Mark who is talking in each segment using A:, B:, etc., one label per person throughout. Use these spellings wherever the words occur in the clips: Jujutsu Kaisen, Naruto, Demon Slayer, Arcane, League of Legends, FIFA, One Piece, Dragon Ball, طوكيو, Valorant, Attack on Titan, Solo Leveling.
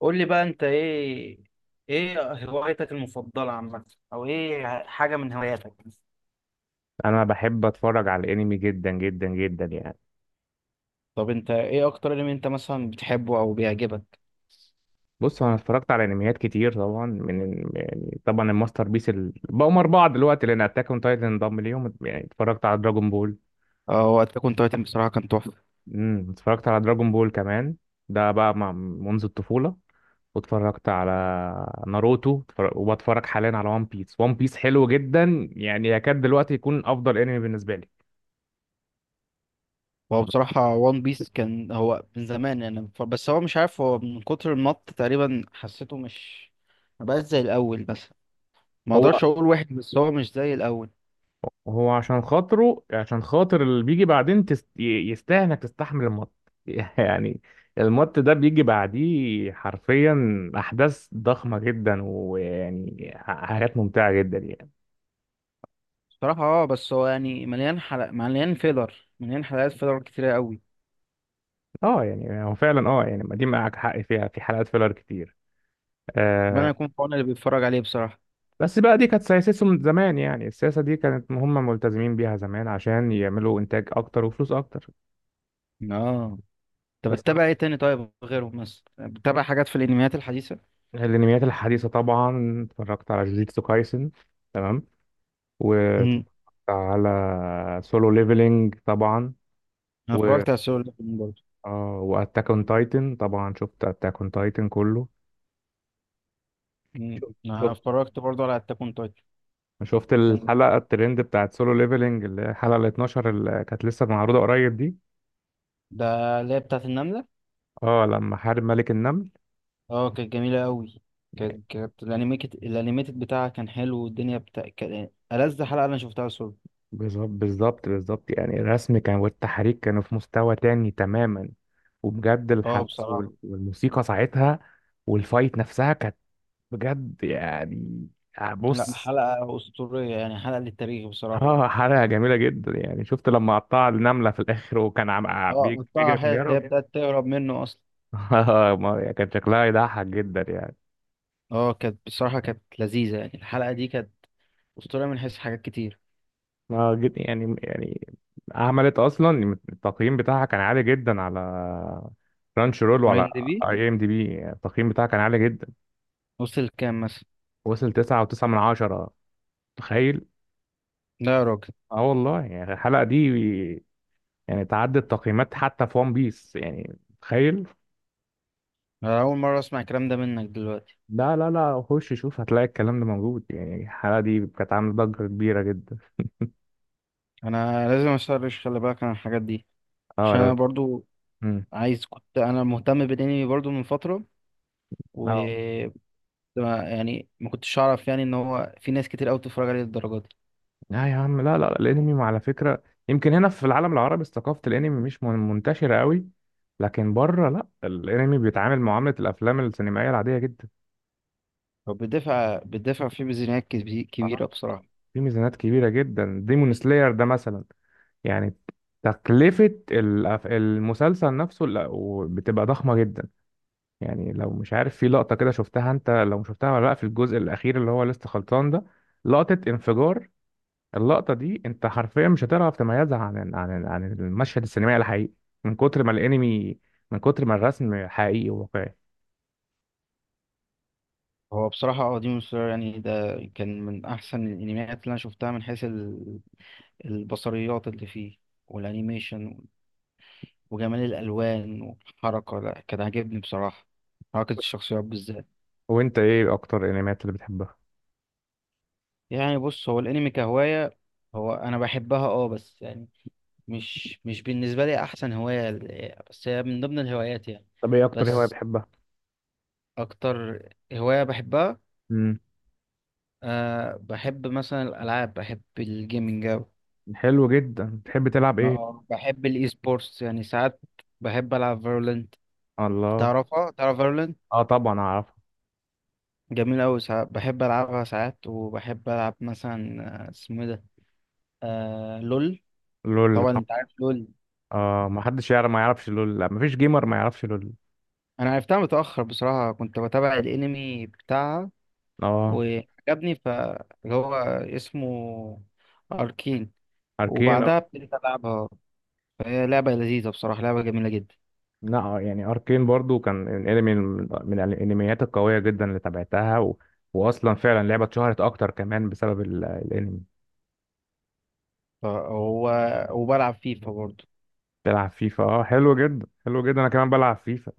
A: قول لي بقى، انت ايه ايه هوايتك المفضلة عامة، او ايه حاجة من هواياتك؟
B: انا بحب اتفرج على الانمي جدا جدا جدا يعني.
A: طب انت ايه اكتر انمي انت مثلا بتحبه او بيعجبك؟
B: بص، هو انا اتفرجت على انميات كتير طبعا، من يعني طبعا الماستر بيس بقوا اربعه دلوقتي، لان اتاك اون تايتن انضم ليهم، يعني اتفرجت على دراجون بول.
A: اه، وقت كنت تايتن بصراحه كان تحفه.
B: اتفرجت على دراجون بول كمان، ده بقى منذ الطفوله. واتفرجت على ناروتو، وبتفرج حاليا على وان بيس. وان بيس حلو جدا، يعني يكاد دلوقتي يكون افضل انمي بالنسبه لي.
A: هو بصراحه وان بيس كان هو من زمان، يعني بس هو مش عارف، هو من كتر المط تقريبا حسيته مش، ما بقاش زي الاول، بس ما
B: هو
A: اقدرش اقول واحد، بس هو مش زي الاول.
B: وهو عشان خاطر اللي بيجي بعدين، يستاهل انك تستحمل المط. يعني المط ده بيجي بعديه حرفيا، احداث ضخمه جدا، ويعني حاجات ممتعه جدا يعني.
A: بصراحه اه، بس هو يعني مليان حلقة، مليان فيلر، مليان حلقات فيلر كتيره قوي.
B: اه، يعني هو فعلا، يعني ما دي معاك حق فيها، في حلقات فيلر كتير.
A: ربنا
B: آه.
A: يكون في عون اللي بيتفرج عليه بصراحه.
B: بس بقى دي كانت سياستهم زمان، يعني السياسه دي كانت هم ملتزمين بيها زمان، عشان يعملوا انتاج اكتر وفلوس اكتر.
A: اه، طب
B: بس
A: بتتابع ايه تاني؟ طيب غيرهم مثلا، بتتابع حاجات في الانميات الحديثه؟
B: الانميات الحديثه طبعا اتفرجت على جوجيتسو كايسن. تمام. واتفرجت
A: امم.
B: على سولو ليفلينج طبعا.
A: انا
B: و اه
A: اتفرجت على سولو ليفلينج برضه.
B: اه واتاك اون تايتن طبعا، شفت اتاك اون تايتن كله.
A: مم.
B: شفت
A: انا
B: شفت
A: اتفرجت برضه على اتاك اون تايتن.
B: شفت
A: كان لطيف.
B: الحلقة الترند بتاعت سولو ليفلينج، اللي هي الحلقة ال 12، اللي كانت لسه معروضة قريب دي.
A: ده اللي هي بتاعت النمله.
B: اه، لما حارب ملك النمل.
A: اه، كانت جميله قوي. كانت الانيميتد بتاعها كان حلو، والدنيا بتاع كان ألذ حلقه انا شفتها سولو.
B: بالظبط بالظبط بالظبط، يعني الرسم كان والتحريك كانوا في مستوى تاني تماما، وبجد
A: اه
B: الحبس
A: بصراحه.
B: والموسيقى ساعتها، والفايت نفسها كانت بجد يعني. آه،
A: لا،
B: بص.
A: حلقه اسطوريه، يعني حلقه للتاريخ بصراحه.
B: اه، حلقة جميلة جدا، يعني شفت لما قطع النملة في الآخر، وكان
A: اه، قطعها
B: بيجري في
A: حتت،
B: اليارا
A: هي
B: وكده.
A: بتاعت تهرب منه اصلا.
B: اه، يعني كان شكلها يضحك جدا يعني.
A: اه كانت بصراحه، كانت لذيذه، يعني الحلقه دي كانت اسطوريه من حيث حاجات كتير.
B: ما جد يعني. عملت أصلا التقييم بتاعها كان عالي جدا، على رانش رول
A: اي ام
B: وعلى
A: دي بي
B: اي ام دي بي، يعني التقييم بتاعها كان عالي جدا.
A: وصل كام مثلا؟
B: وصل تسعة وتسعة من عشرة. تخيل.
A: لا يا راجل.
B: اه والله، يعني الحلقة دي يعني تعدت تقييمات حتى في ون بيس يعني. تخيل.
A: أنا أول مرة أسمع الكلام ده منك دلوقتي.
B: لا لا لا، خش شوف، هتلاقي الكلام ده موجود، يعني الحلقة دي كانت عاملة ضجة كبيرة جدا.
A: أنا لازم أسرش، خلي بالك عن الحاجات دي،
B: اه.
A: عشان أنا
B: لا.
A: برضو
B: امم.
A: كنت أنا مهتم بالأنمي برضو من فترة. و...
B: اه.
A: يعني ما كنتش أعرف، يعني إن هو في ناس كتير أوي بتتفرج عليه للدرجة دي.
B: لا يا عم، لا لا الانمي على فكرة، يمكن هنا في العالم العربي ثقافة الانمي مش منتشرة قوي. لكن بره لا، الانمي بيتعامل معاملة الافلام السينمائية العادية جدا.
A: هو بيدفع فيه ميزانيات كبيرة
B: آه.
A: بصراحة.
B: في ميزانات كبيرة جدا، ديمون سلاير ده مثلا، يعني تكلفة المسلسل نفسه بتبقى ضخمة جدا. يعني لو مش عارف، في لقطة كده شفتها انت، لو مش شفتها ولا لا، في الجزء الأخير اللي هو لسه خلصان ده. لقطة انفجار، اللقطة دي انت حرفيا مش هتعرف تميزها عن المشهد السينمائي الحقيقي، من كتر ما الانمي من كتر ما الرسم حقيقي وواقعي.
A: هو بصراحة اه، ديمون سلاير يعني ده كان من أحسن الأنميات اللي أنا شفتها من حيث البصريات اللي فيه، والأنيميشن، وجمال الالوان والحركه. لا، كان عاجبني بصراحه، حركه الشخصيات بالذات.
B: وانت ايه اكتر انميات اللي بتحبها؟
A: يعني بص، هو الانمي كهوايه، هو انا بحبها اه، بس يعني مش بالنسبه لي احسن هوايه، بس هي من ضمن الهوايات يعني.
B: طب ايه اكتر هواية
A: بس،
B: بتحبها؟
A: اكتر هوايه بحبها،
B: امم.
A: أه، بحب مثلا الالعاب، بحب الجيمنج أوي.
B: حلو جدا، بتحب تلعب ايه؟
A: اه، بحب الاي سبورتس يعني ساعات، بحب العب فيرولنت.
B: الله.
A: تعرفها؟ تعرف فيرولنت؟
B: اه طبعا اعرف.
A: جميل أوي، ساعات بحب ألعبها، ساعات، وبحب ألعب مثلا اسمه إيه ده، آه، لول
B: لول
A: طبعا.
B: طبعا.
A: انت عارف لول.
B: اه، ما حدش يعرف ما يعرفش لول، لا ما فيش جيمر ما يعرفش لول.
A: انا عرفتها متأخر بصراحة، كنت بتابع الانمي بتاعها
B: اه.
A: وعجبني، ف... اللي هو اسمه اركين.
B: اركين.
A: وبعدها ابتديت العبها، فهي لعبة لذيذة بصراحة، لعبة جميلة جدا.
B: لا آه، يعني اركين برضو كان الانمي من الانميات القويه جدا اللي تابعتها و... واصلا فعلا لعبه اتشهرت اكتر كمان بسبب الانمي.
A: فهو، وبلعب فيفا برضه.
B: بلعب فيفا، اه حلو جدا حلو جدا، انا كمان بلعب فيفا.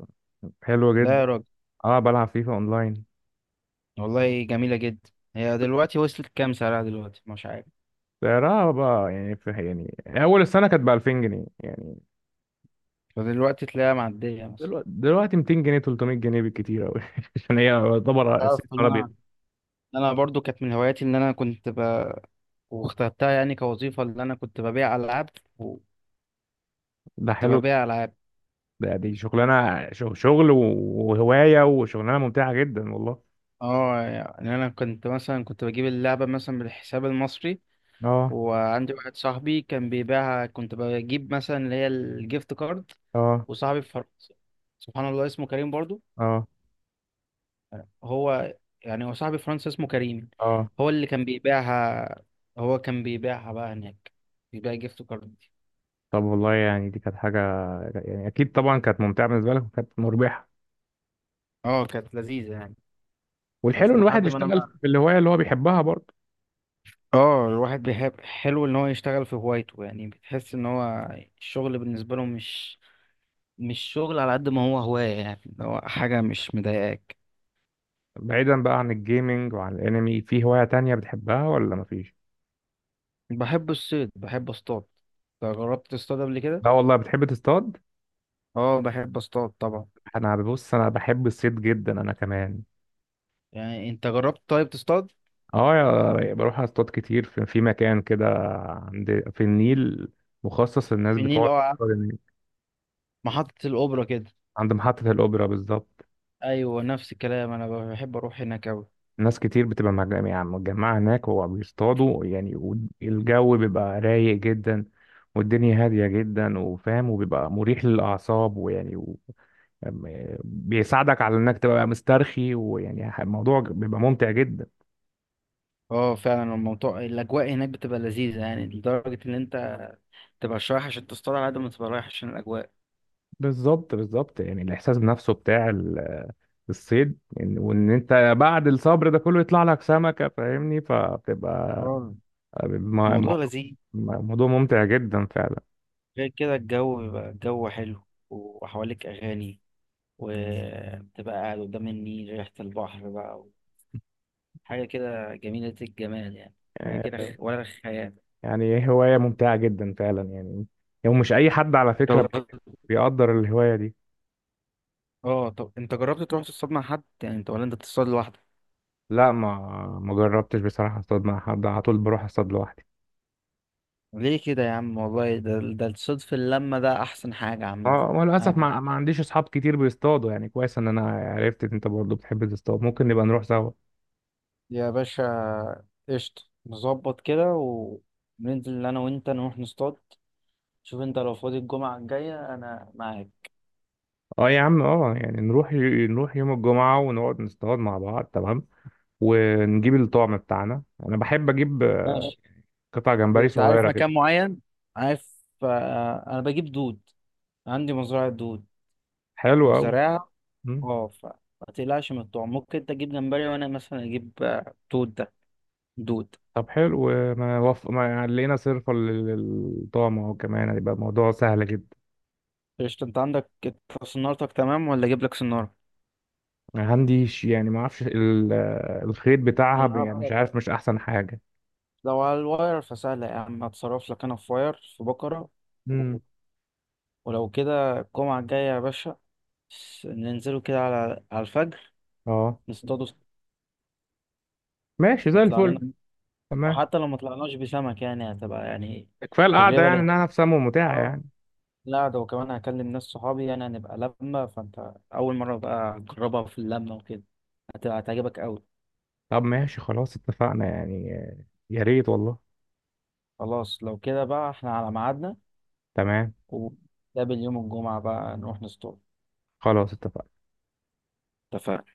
B: حلو
A: لا
B: جدا.
A: يا راجل،
B: اه بلعب فيفا اونلاين.
A: والله جميلة جدا. هي دلوقتي وصلت كام سعرها دلوقتي، مش عارف؟
B: سعرها بقى يعني في، يعني اول السنه كانت ب 2000 جنيه يعني.
A: فدلوقتي تلاقيها معدية مثلا.
B: دلوقتي دلوقتي 200 جنيه، 300 جنيه بالكتير قوي عشان هي يعتبر
A: تعرف
B: الصيت
A: ان
B: ابيض.
A: انا، إن انا برضو كانت من هواياتي، ان انا كنت واخترتها يعني كوظيفة، اللي أنا كنت ببيع ألعاب، وكنت
B: ده حلو جدا.
A: ببيع ألعاب.
B: دي شغلانه، شغل وهوايه وشغلانه ممتعه جدا والله.
A: اه يعني أنا كنت مثلا كنت بجيب اللعبة مثلا بالحساب المصري،
B: اه.
A: وعندي واحد صاحبي كان بيبيعها، كنت بجيب مثلا اللي هي الجيفت كارد،
B: اه.
A: وصاحبي في فرنسا، سبحان الله اسمه كريم برضو.
B: اه.
A: هو، يعني هو صاحبي في فرنسا اسمه كريم،
B: اه.
A: هو اللي كان بيبيعها، هو كان بيبيعها بقى هناك، بيبيع جيفت كارد دي.
B: طب والله، يعني دي كانت حاجة، يعني أكيد طبعا كانت ممتعة بالنسبة لك وكانت مربحة.
A: اه، كانت لذيذة يعني.
B: والحلو
A: بس
B: إن الواحد
A: لحد ما أنا،
B: يشتغل في الهواية اللي هو بيحبها برضه.
A: اه، الواحد بيحب، حلو ان هو يشتغل في هوايته، يعني بتحس ان هو الشغل بالنسبه له مش، مش شغل على قد ما هو هوايه، يعني اللي هو حاجه مش مضايقاك.
B: بعيدا بقى عن الجيمنج وعن الأنمي، في هواية تانية بتحبها ولا مفيش؟
A: بحب الصيد، بحب اصطاد. انت جربت تصطاد قبل كده؟
B: لا والله، بتحب تصطاد؟
A: اه، بحب اصطاد طبعا.
B: أنا ببص، أنا بحب الصيد جدا، أنا كمان.
A: يعني انت جربت طيب تصطاد؟
B: اه بروح اصطاد كتير في مكان كده، في النيل، مخصص للناس
A: في النيل،
B: بتقعد
A: اه،
B: تصطاد النيل.
A: محطه الاوبرا كده.
B: عند محطة الأوبرا بالظبط.
A: ايوه، نفس الكلام، انا بحب اروح هناك اوي.
B: ناس كتير بتبقى يعني متجمعة هناك وبيصطادوا يعني، والجو بيبقى رايق جدا، والدنيا هادية جدا وفاهم، وبيبقى مريح للأعصاب، ويعني و... بيساعدك على إنك تبقى مسترخي، ويعني الموضوع بيبقى ممتع جدا.
A: اه فعلا، الموضوع، الاجواء هناك بتبقى لذيذه، يعني لدرجه ان انت تبقى رايح عشان تصطاد على قد ما تبقى رايح عشان الاجواء.
B: بالظبط بالظبط، يعني الإحساس بنفسه بتاع الصيد، يعني وإن أنت بعد الصبر ده كله يطلع لك سمكة، فاهمني، فبتبقى
A: اه الموضوع
B: موضوع،
A: لذيذ،
B: موضوع ممتع جدا
A: غير كده الجو بيبقى، الجو حلو، وحواليك أغاني، وبتبقى قاعد قدام النيل، ريحة البحر بقى، حاجة كده جميلة، الجمال يعني، حاجة كده
B: فعلا
A: ولا خيال.
B: يعني. هواية ممتعة جدا فعلا يعني، يعني مش أي حد على فكرة
A: طب،
B: بيقدر الهواية دي.
A: اه، طب انت جربت تروح تصطاد مع حد، يعني انت ولا انت بتصطاد لوحدك؟
B: لا، ما جربتش بصراحة اصطاد مع حد، على طول بروح اصطاد لوحدي.
A: ليه كده يا عم، والله ده الصيد في اللمة ده أحسن حاجة عامة.
B: اه وللأسف،
A: أنا،
B: ما عنديش أصحاب كتير بيصطادوا، يعني كويس إن أنا عرفت إن أنت برضه بتحب تصطاد، ممكن نبقى نروح سوا.
A: يا باشا قشطة، نظبط كده، وننزل أنا وأنت نروح نصطاد. شوف أنت لو فاضي الجمعة الجاية أنا معاك.
B: اه يا عم، اه يعني نروح نروح يوم الجمعة ونقعد نصطاد مع بعض، تمام. ونجيب الطعم بتاعنا، أنا بحب أجيب
A: ماشي.
B: قطع جمبري
A: انت عارف
B: صغيرة كده.
A: مكان معين؟ عارف. انا بجيب دود، عندي مزرعة دود،
B: حلو أوي.
A: مزرعة.
B: مم.
A: اه، ما تقلقش من الطعم، ممكن انت تجيب جمبري، وانا مثلا اجيب دود ده، دود.
B: طب حلو. ما لقينا صرفة للطعم، اهو كمان هيبقى الموضوع سهل جدا.
A: قشطة، انت عندك إنت صنارتك تمام، ولا اجيب لك صنارة؟
B: هنديش يعني ما اعرفش ال... الخيط بتاعها
A: الصنارة
B: يعني مش
A: بتاعتك،
B: عارف مش احسن حاجة.
A: لو على الواير فسهلة يا عم، هتصرف لك، انا في واير في بكرة، و-
B: امم.
A: ولو كده الجمعة الجاية يا باشا ننزلوا كده على الفجر
B: اه
A: نصطادوا،
B: ماشي زي
A: نطلع لنا.
B: الفل. تمام.
A: وحتى لو ما طلعناش بسمك، يعني هتبقى يعني
B: كفاية القعدة،
A: تجربة
B: يعني
A: لذيذة.
B: انها نفسها ممتعة
A: اه،
B: يعني.
A: لا، ده وكمان هكلم ناس صحابي، يعني هنبقى لمة، فانت أول مرة بقى تجربها في اللمة وكده، هتبقى هتعجبك أوي.
B: طب ماشي خلاص اتفقنا يعني. يا ريت والله.
A: خلاص، لو كده بقى احنا على ميعادنا،
B: تمام.
A: ونتقابل يوم الجمعة بقى، نروح نسطول.
B: خلاص اتفقنا.
A: اتفقنا.